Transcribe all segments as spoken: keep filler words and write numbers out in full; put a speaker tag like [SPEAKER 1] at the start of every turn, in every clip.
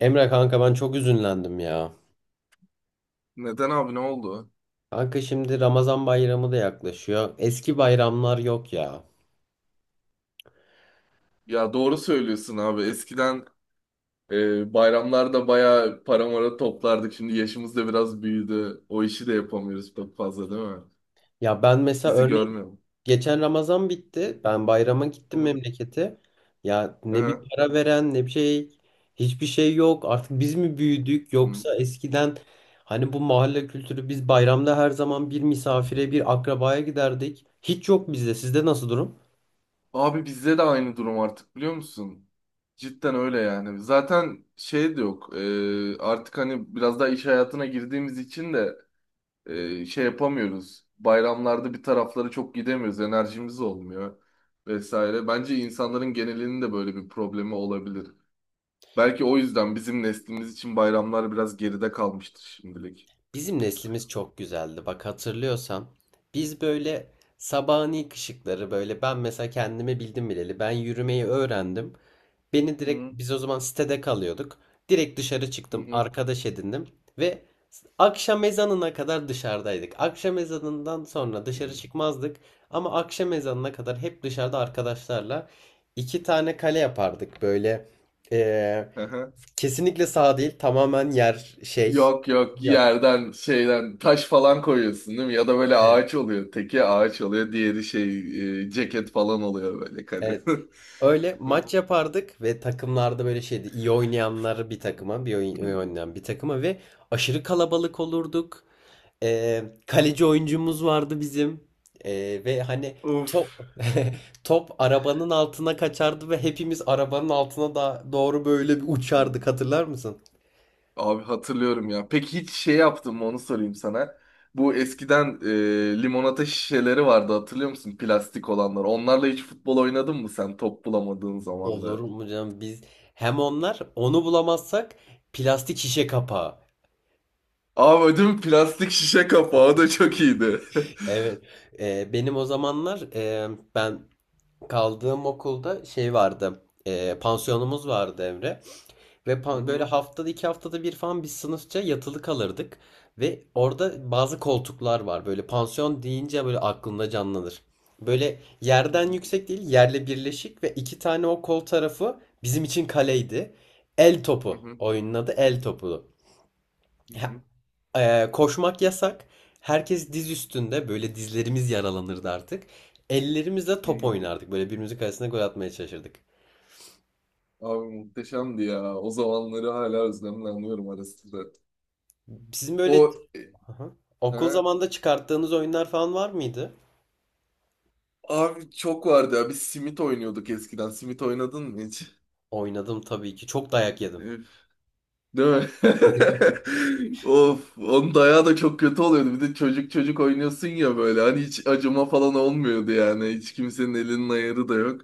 [SPEAKER 1] Emre kanka ben çok üzünlendim ya.
[SPEAKER 2] Neden abi ne oldu?
[SPEAKER 1] Kanka şimdi Ramazan bayramı da yaklaşıyor. Eski bayramlar yok ya.
[SPEAKER 2] Ya doğru söylüyorsun abi. Eskiden e, bayramlarda bayağı para mara toplardık. Şimdi yaşımız da biraz büyüdü. O işi de yapamıyoruz çok fazla değil mi?
[SPEAKER 1] Ya ben mesela
[SPEAKER 2] Bizi
[SPEAKER 1] örneğin
[SPEAKER 2] görmüyor.
[SPEAKER 1] geçen Ramazan bitti. Ben bayrama gittim
[SPEAKER 2] Hı
[SPEAKER 1] memlekete. Ya ne bir
[SPEAKER 2] hı.
[SPEAKER 1] para veren ne bir şey. Hiçbir şey yok. Artık biz mi büyüdük
[SPEAKER 2] Hı.
[SPEAKER 1] yoksa eskiden hani bu mahalle kültürü biz bayramda her zaman bir misafire bir akrabaya giderdik. Hiç yok bizde. Sizde nasıl durum?
[SPEAKER 2] Abi bizde de aynı durum artık biliyor musun? Cidden öyle yani. Zaten şey de yok. E, artık hani biraz daha iş hayatına girdiğimiz için de e, şey yapamıyoruz. Bayramlarda bir taraflara çok gidemiyoruz. Enerjimiz olmuyor vesaire. Bence insanların genelinin de böyle bir problemi olabilir. Belki o yüzden bizim neslimiz için bayramlar biraz geride kalmıştır şimdilik.
[SPEAKER 1] Bizim neslimiz çok güzeldi. Bak hatırlıyorsam biz böyle sabahın ilk ışıkları böyle ben mesela kendime bildim bileli ben yürümeyi öğrendim. Beni
[SPEAKER 2] Hı hı.
[SPEAKER 1] direkt biz o zaman sitede kalıyorduk. Direkt dışarı
[SPEAKER 2] Hı
[SPEAKER 1] çıktım,
[SPEAKER 2] hı.
[SPEAKER 1] arkadaş edindim ve akşam ezanına kadar dışarıdaydık. Akşam ezanından sonra dışarı çıkmazdık ama akşam ezanına kadar hep dışarıda arkadaşlarla iki tane kale yapardık böyle. eee,
[SPEAKER 2] Hı hı.
[SPEAKER 1] Kesinlikle sağ değil, tamamen yer şey.
[SPEAKER 2] Yok yok
[SPEAKER 1] Yok.
[SPEAKER 2] yerden şeyden taş falan koyuyorsun değil mi? Ya da böyle
[SPEAKER 1] Evet.
[SPEAKER 2] ağaç oluyor. Teki ağaç oluyor. Diğeri şey e, ceket falan oluyor böyle
[SPEAKER 1] Evet.
[SPEAKER 2] kalın.
[SPEAKER 1] Öyle maç yapardık ve takımlarda böyle şeydi. İyi oynayanları bir takıma, bir oyun, iyi oynayan bir takıma ve aşırı kalabalık olurduk. Ee, kaleci oyuncumuz vardı bizim. Ee, ve hani
[SPEAKER 2] Of.
[SPEAKER 1] top top arabanın altına kaçardı ve hepimiz arabanın altına da doğru böyle bir uçardık hatırlar mısın?
[SPEAKER 2] Abi hatırlıyorum ya. Peki hiç şey yaptın mı onu sorayım sana. Bu eskiden e, limonata şişeleri vardı hatırlıyor musun? Plastik olanlar. Onlarla hiç futbol oynadın mı sen top bulamadığın zaman
[SPEAKER 1] Olur
[SPEAKER 2] da?
[SPEAKER 1] mu canım biz hem onlar onu bulamazsak plastik şişe kapağı.
[SPEAKER 2] Abi ödüm plastik şişe kapağı o da çok iyiydi.
[SPEAKER 1] Evet. Ee, benim o zamanlar e, ben kaldığım okulda şey vardı. E, pansiyonumuz vardı Emre. Ve
[SPEAKER 2] Hı
[SPEAKER 1] pan- böyle
[SPEAKER 2] hı.
[SPEAKER 1] haftada iki haftada bir falan biz sınıfça yatılı kalırdık. Ve orada bazı koltuklar var. Böyle pansiyon deyince böyle aklında canlanır. Böyle
[SPEAKER 2] Hı
[SPEAKER 1] yerden
[SPEAKER 2] hı.
[SPEAKER 1] yüksek değil, yerle birleşik ve iki tane o kol tarafı bizim için kaleydi. El topu.
[SPEAKER 2] Hı
[SPEAKER 1] Oyunun adı el topu.
[SPEAKER 2] hı.
[SPEAKER 1] Ee, koşmak yasak. Herkes diz üstünde böyle dizlerimiz yaralanırdı artık. Ellerimizle
[SPEAKER 2] Hı
[SPEAKER 1] top
[SPEAKER 2] hı.
[SPEAKER 1] oynardık. Böyle birbirimizin kalesine gol atmaya çalışırdık.
[SPEAKER 2] Abi muhteşemdi ya. O zamanları hala özlemle anıyorum ara sıra.
[SPEAKER 1] Sizin
[SPEAKER 2] O
[SPEAKER 1] böyle
[SPEAKER 2] e,
[SPEAKER 1] aha okul
[SPEAKER 2] ha?
[SPEAKER 1] zamanında çıkarttığınız oyunlar falan var mıydı?
[SPEAKER 2] Abi çok vardı ya. Biz simit oynuyorduk eskiden. Simit oynadın mı hiç?
[SPEAKER 1] Oynadım tabii ki. Çok dayak yedim.
[SPEAKER 2] Değil mi? Of, onun dayağı da çok kötü oluyordu. Bir de çocuk çocuk oynuyorsun ya böyle. Hani hiç acıma falan olmuyordu yani. Hiç kimsenin elinin ayarı da yok.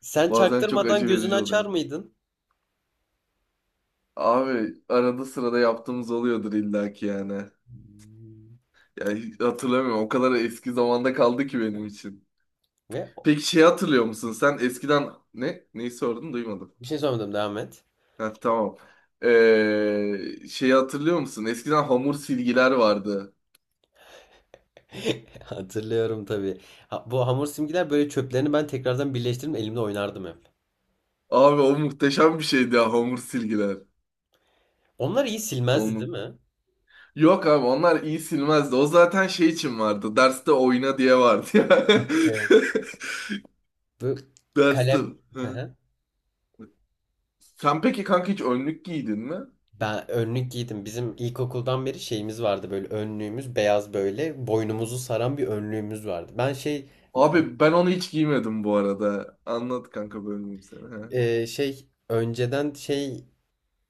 [SPEAKER 1] Sen
[SPEAKER 2] Bazen çok
[SPEAKER 1] çaktırmadan
[SPEAKER 2] acı
[SPEAKER 1] gözünü
[SPEAKER 2] verici
[SPEAKER 1] açar
[SPEAKER 2] oluyor.
[SPEAKER 1] mıydın?
[SPEAKER 2] Abi arada sırada yaptığımız oluyordur illaki yani. Ya hiç hatırlamıyorum. O kadar eski zamanda kaldı ki benim için.
[SPEAKER 1] Ve
[SPEAKER 2] Peki şey hatırlıyor musun? Sen eskiden ne? Neyi sordun? Duymadım.
[SPEAKER 1] bir şey sormadım devam et.
[SPEAKER 2] Ha, tamam. Ee, şeyi hatırlıyor musun? Eskiden hamur silgiler vardı.
[SPEAKER 1] Hatırlıyorum tabii. Ha, bu hamur simgiler böyle çöplerini ben tekrardan birleştirip elimle oynardım hep.
[SPEAKER 2] Abi o muhteşem bir şeydi ya hamur silgiler.
[SPEAKER 1] Onlar iyi silmezdi değil
[SPEAKER 2] Onun.
[SPEAKER 1] mi?
[SPEAKER 2] Yok abi onlar iyi silmezdi. O zaten şey için vardı. Derste oyna diye vardı ya.
[SPEAKER 1] Evet. Bu
[SPEAKER 2] Derste.
[SPEAKER 1] kalem...
[SPEAKER 2] Hı. Sen peki kanka hiç önlük giydin mi?
[SPEAKER 1] Ben önlük giydim. Bizim ilkokuldan beri şeyimiz vardı böyle önlüğümüz beyaz böyle boynumuzu saran bir önlüğümüz vardı. Ben şey,
[SPEAKER 2] Abi ben onu hiç giymedim bu arada. Anlat kanka bölmeyeyim seni. Hı.
[SPEAKER 1] e, şey önceden şey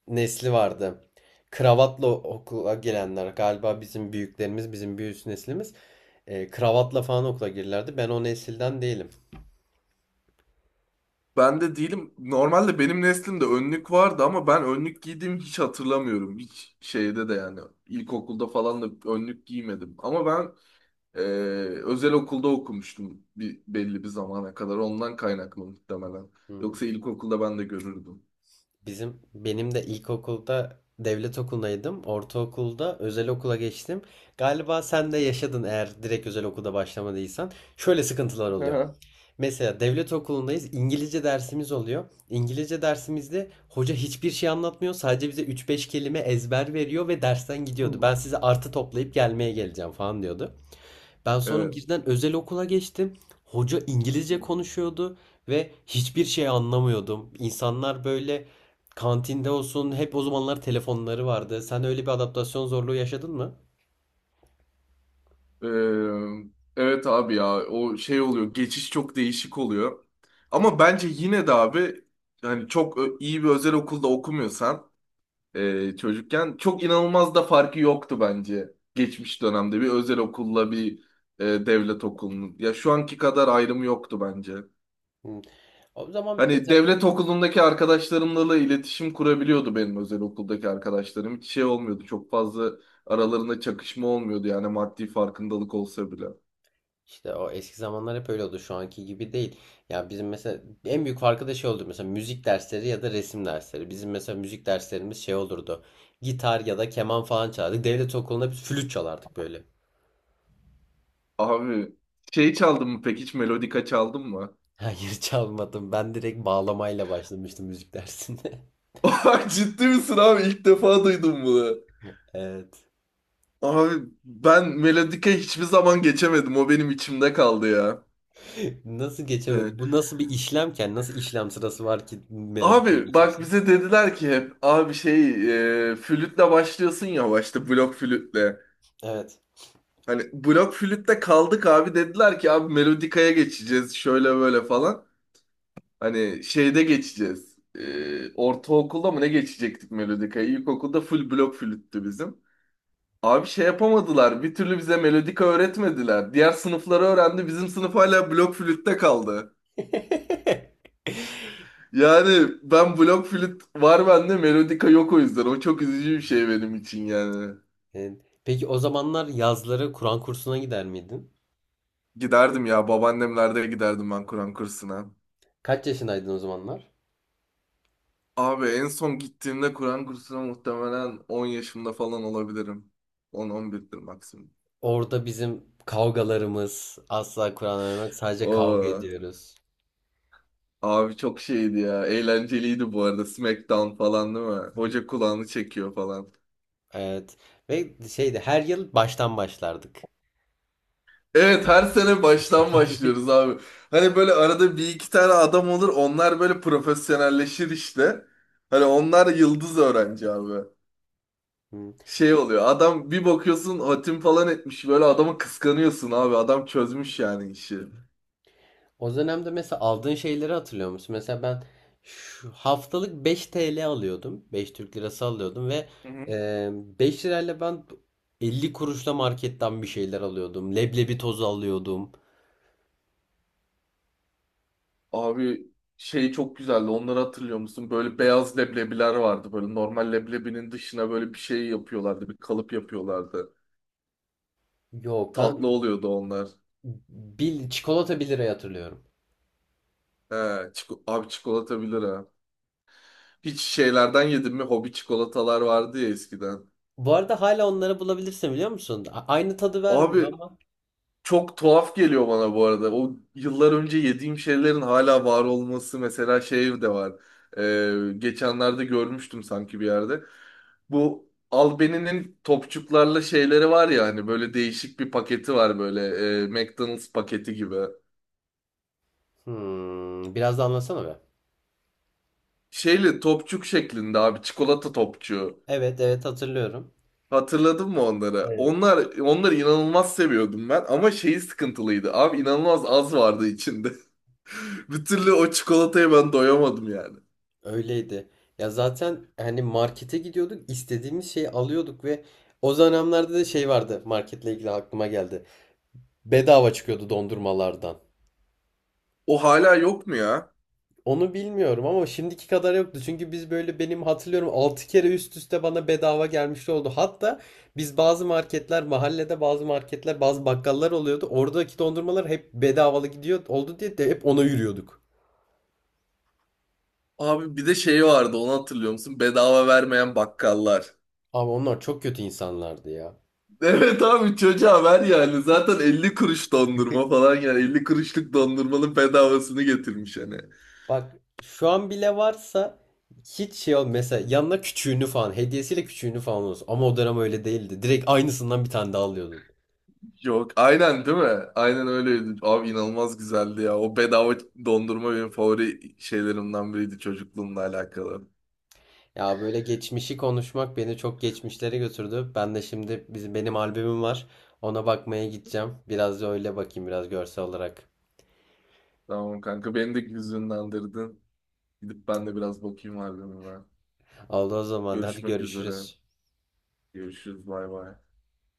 [SPEAKER 1] nesli vardı. Kravatla okula gelenler galiba bizim büyüklerimiz bizim bir üst neslimiz e, kravatla falan okula girerlerdi. Ben o nesilden değilim.
[SPEAKER 2] Ben de değilim. Normalde benim neslimde önlük vardı ama ben önlük giydiğimi hiç hatırlamıyorum. Hiç şeyde de yani ilkokulda falan da önlük giymedim. Ama ben Ee, özel okulda okumuştum bir, belli bir zamana kadar. Ondan kaynaklı muhtemelen.
[SPEAKER 1] Hmm.
[SPEAKER 2] Yoksa ilkokulda ben de görürdüm.
[SPEAKER 1] Bizim benim de ilkokulda devlet okulundaydım. Ortaokulda özel okula geçtim. Galiba sen de yaşadın eğer direkt özel okulda başlamadıysan. Şöyle sıkıntılar oluyor.
[SPEAKER 2] Aha.
[SPEAKER 1] Mesela devlet okulundayız. İngilizce dersimiz oluyor. İngilizce dersimizde hoca hiçbir şey anlatmıyor. Sadece bize üç beş kelime ezber veriyor ve dersten gidiyordu.
[SPEAKER 2] Hmm.
[SPEAKER 1] Ben size artı toplayıp gelmeye geleceğim falan diyordu. Ben sonra
[SPEAKER 2] Evet.
[SPEAKER 1] birden özel okula geçtim. Hoca İngilizce
[SPEAKER 2] Hmm.
[SPEAKER 1] konuşuyordu ve hiçbir şey anlamıyordum. İnsanlar böyle kantinde olsun hep o zamanlar telefonları vardı. Sen öyle bir adaptasyon zorluğu yaşadın mı?
[SPEAKER 2] Ee, evet abi ya o şey oluyor. Geçiş çok değişik oluyor. Ama bence yine de abi yani çok ö- iyi bir özel okulda okumuyorsan e, çocukken çok inanılmaz da farkı yoktu bence. Geçmiş dönemde bir özel okulla bir e, devlet okulunun. Ya şu anki kadar ayrımı yoktu bence.
[SPEAKER 1] Hı. O zaman
[SPEAKER 2] Hani
[SPEAKER 1] mesela
[SPEAKER 2] devlet okulundaki arkadaşlarımla da iletişim kurabiliyordu benim özel okuldaki arkadaşlarım. Hiç şey olmuyordu. Çok fazla aralarında çakışma olmuyordu yani maddi farkındalık olsa bile.
[SPEAKER 1] İşte o eski zamanlar hep öyle oldu. Şu anki gibi değil. Ya bizim mesela en büyük farkı da şey oldu. Mesela müzik dersleri ya da resim dersleri. Bizim mesela müzik derslerimiz şey olurdu. Gitar ya da keman falan çalardık. Devlet okulunda biz flüt çalardık böyle.
[SPEAKER 2] Abi şey çaldın mı peki hiç melodika çaldın mı?
[SPEAKER 1] Hayır çalmadım. Ben direkt bağlamayla başlamıştım müzik dersinde.
[SPEAKER 2] Ay, ciddi misin abi? İlk defa duydum bunu.
[SPEAKER 1] Evet.
[SPEAKER 2] Abi ben melodika hiçbir zaman geçemedim. O benim içimde kaldı ya.
[SPEAKER 1] Nasıl
[SPEAKER 2] Hani,
[SPEAKER 1] geçemedi? Bu nasıl bir işlemken, nasıl işlem sırası var ki melodiye
[SPEAKER 2] abi bak
[SPEAKER 1] geçesin?
[SPEAKER 2] bize dediler ki hep abi şey e, flütle başlıyorsun ya başta blok flütle.
[SPEAKER 1] Evet.
[SPEAKER 2] Hani blok flütte kaldık abi dediler ki abi melodikaya geçeceğiz şöyle böyle falan. Hani şeyde geçeceğiz. Ee, ortaokulda mı ne geçecektik melodikaya? İlkokulda full blok flüttü bizim. Abi şey yapamadılar. Bir türlü bize melodika öğretmediler. Diğer sınıfları öğrendi. Bizim sınıf hala blok flütte kaldı. Yani ben blok flüt var bende melodika yok o yüzden. O çok üzücü bir şey benim için yani.
[SPEAKER 1] Evet. Peki o zamanlar yazları Kur'an kursuna gider miydin?
[SPEAKER 2] Giderdim ya babaannemlerde giderdim ben Kur'an kursuna.
[SPEAKER 1] Kaç yaşındaydın o zamanlar?
[SPEAKER 2] Abi en son gittiğimde Kur'an kursuna muhtemelen on yaşımda falan olabilirim. on on birdir maksimum.
[SPEAKER 1] Orada bizim kavgalarımız asla Kur'an öğrenmek sadece kavga
[SPEAKER 2] Oo,
[SPEAKER 1] ediyoruz.
[SPEAKER 2] abi çok şeydi ya. Eğlenceliydi bu arada. Smackdown falan değil mi? Hoca kulağını çekiyor falan.
[SPEAKER 1] Evet. Ve şeydi her yıl baştan başlardık.
[SPEAKER 2] Evet her sene baştan başlıyoruz abi. Hani böyle arada bir iki tane adam olur. Onlar böyle profesyonelleşir işte. Hani onlar yıldız öğrenci abi.
[SPEAKER 1] Hı.
[SPEAKER 2] Şey oluyor. Adam bir bakıyorsun hatim falan etmiş. Böyle adamı kıskanıyorsun abi. Adam çözmüş yani işi. Hı
[SPEAKER 1] O dönemde mesela aldığın şeyleri hatırlıyor musun? Mesela ben şu haftalık beş T L alıyordum. Beş Türk lirası alıyordum ve
[SPEAKER 2] hı.
[SPEAKER 1] e, beş lirayla ben elli kuruşla marketten bir şeyler alıyordum. Leblebi tozu alıyordum.
[SPEAKER 2] Abi şey çok güzeldi. Onları hatırlıyor musun? Böyle beyaz leblebiler vardı. Böyle normal leblebinin dışına böyle bir şey yapıyorlardı. Bir kalıp yapıyorlardı.
[SPEAKER 1] Yok ben
[SPEAKER 2] Tatlı oluyordu onlar.
[SPEAKER 1] bil, çikolata bir liraya hatırlıyorum.
[SPEAKER 2] He, çiko- abi çikolata bilir ha. Hiç şeylerden yedin mi? Hobi çikolatalar vardı ya eskiden.
[SPEAKER 1] Bu arada hala onları bulabilirsin biliyor musun? A- aynı tadı vermiyor
[SPEAKER 2] Abi
[SPEAKER 1] ama.
[SPEAKER 2] çok tuhaf geliyor bana bu arada. O yıllar önce yediğim şeylerin hala var olması mesela şey de var. Ee, geçenlerde görmüştüm sanki bir yerde. Bu Albeni'nin topçuklarla şeyleri var ya hani böyle değişik bir paketi var böyle e, McDonald's paketi gibi.
[SPEAKER 1] Hmm, biraz da anlasana be.
[SPEAKER 2] Şeyli topçuk şeklinde abi çikolata topçuğu.
[SPEAKER 1] Evet, evet hatırlıyorum.
[SPEAKER 2] Hatırladın mı onları?
[SPEAKER 1] Evet.
[SPEAKER 2] Onlar onları inanılmaz seviyordum ben ama şeyi sıkıntılıydı. Abi inanılmaz az vardı içinde. Bir türlü o çikolataya ben doyamadım yani.
[SPEAKER 1] Öyleydi. Ya zaten hani markete gidiyorduk, istediğimiz şeyi alıyorduk ve o dönemlerde de şey vardı marketle ilgili aklıma geldi. Bedava çıkıyordu dondurmalardan.
[SPEAKER 2] O hala yok mu ya?
[SPEAKER 1] Onu bilmiyorum ama şimdiki kadar yoktu. Çünkü biz böyle benim hatırlıyorum altı kere üst üste bana bedava gelmiş oldu. Hatta biz bazı marketler mahallede bazı marketler bazı bakkallar oluyordu. Oradaki dondurmalar hep bedavalı gidiyor oldu diye de hep ona yürüyorduk.
[SPEAKER 2] Abi bir de şey vardı onu hatırlıyor musun? Bedava vermeyen bakkallar.
[SPEAKER 1] Ama onlar çok kötü insanlardı ya.
[SPEAKER 2] Evet abi çocuğa ver yani. Zaten elli kuruş dondurma falan yani elli kuruşluk dondurmanın bedavasını getirmiş hani.
[SPEAKER 1] Bak şu an bile varsa hiç şey ol mesela yanına küçüğünü falan hediyesiyle küçüğünü falan olsun. Ama o dönem öyle değildi. Direkt aynısından bir tane daha alıyordun.
[SPEAKER 2] Yok aynen değil mi? Aynen öyleydi. Abi inanılmaz güzeldi ya. O bedava dondurma benim favori şeylerimden biriydi çocukluğumla alakalı.
[SPEAKER 1] Ya böyle geçmişi konuşmak beni çok geçmişlere götürdü. Ben de şimdi bizim benim albümüm var. Ona bakmaya gideceğim. Biraz da öyle bakayım biraz görsel olarak.
[SPEAKER 2] Tamam kanka beni de hüzünlendirdin. Gidip ben de biraz bakayım harbime.
[SPEAKER 1] Oldu o zaman. Hadi
[SPEAKER 2] Görüşmek üzere.
[SPEAKER 1] görüşürüz.
[SPEAKER 2] Görüşürüz bay bay.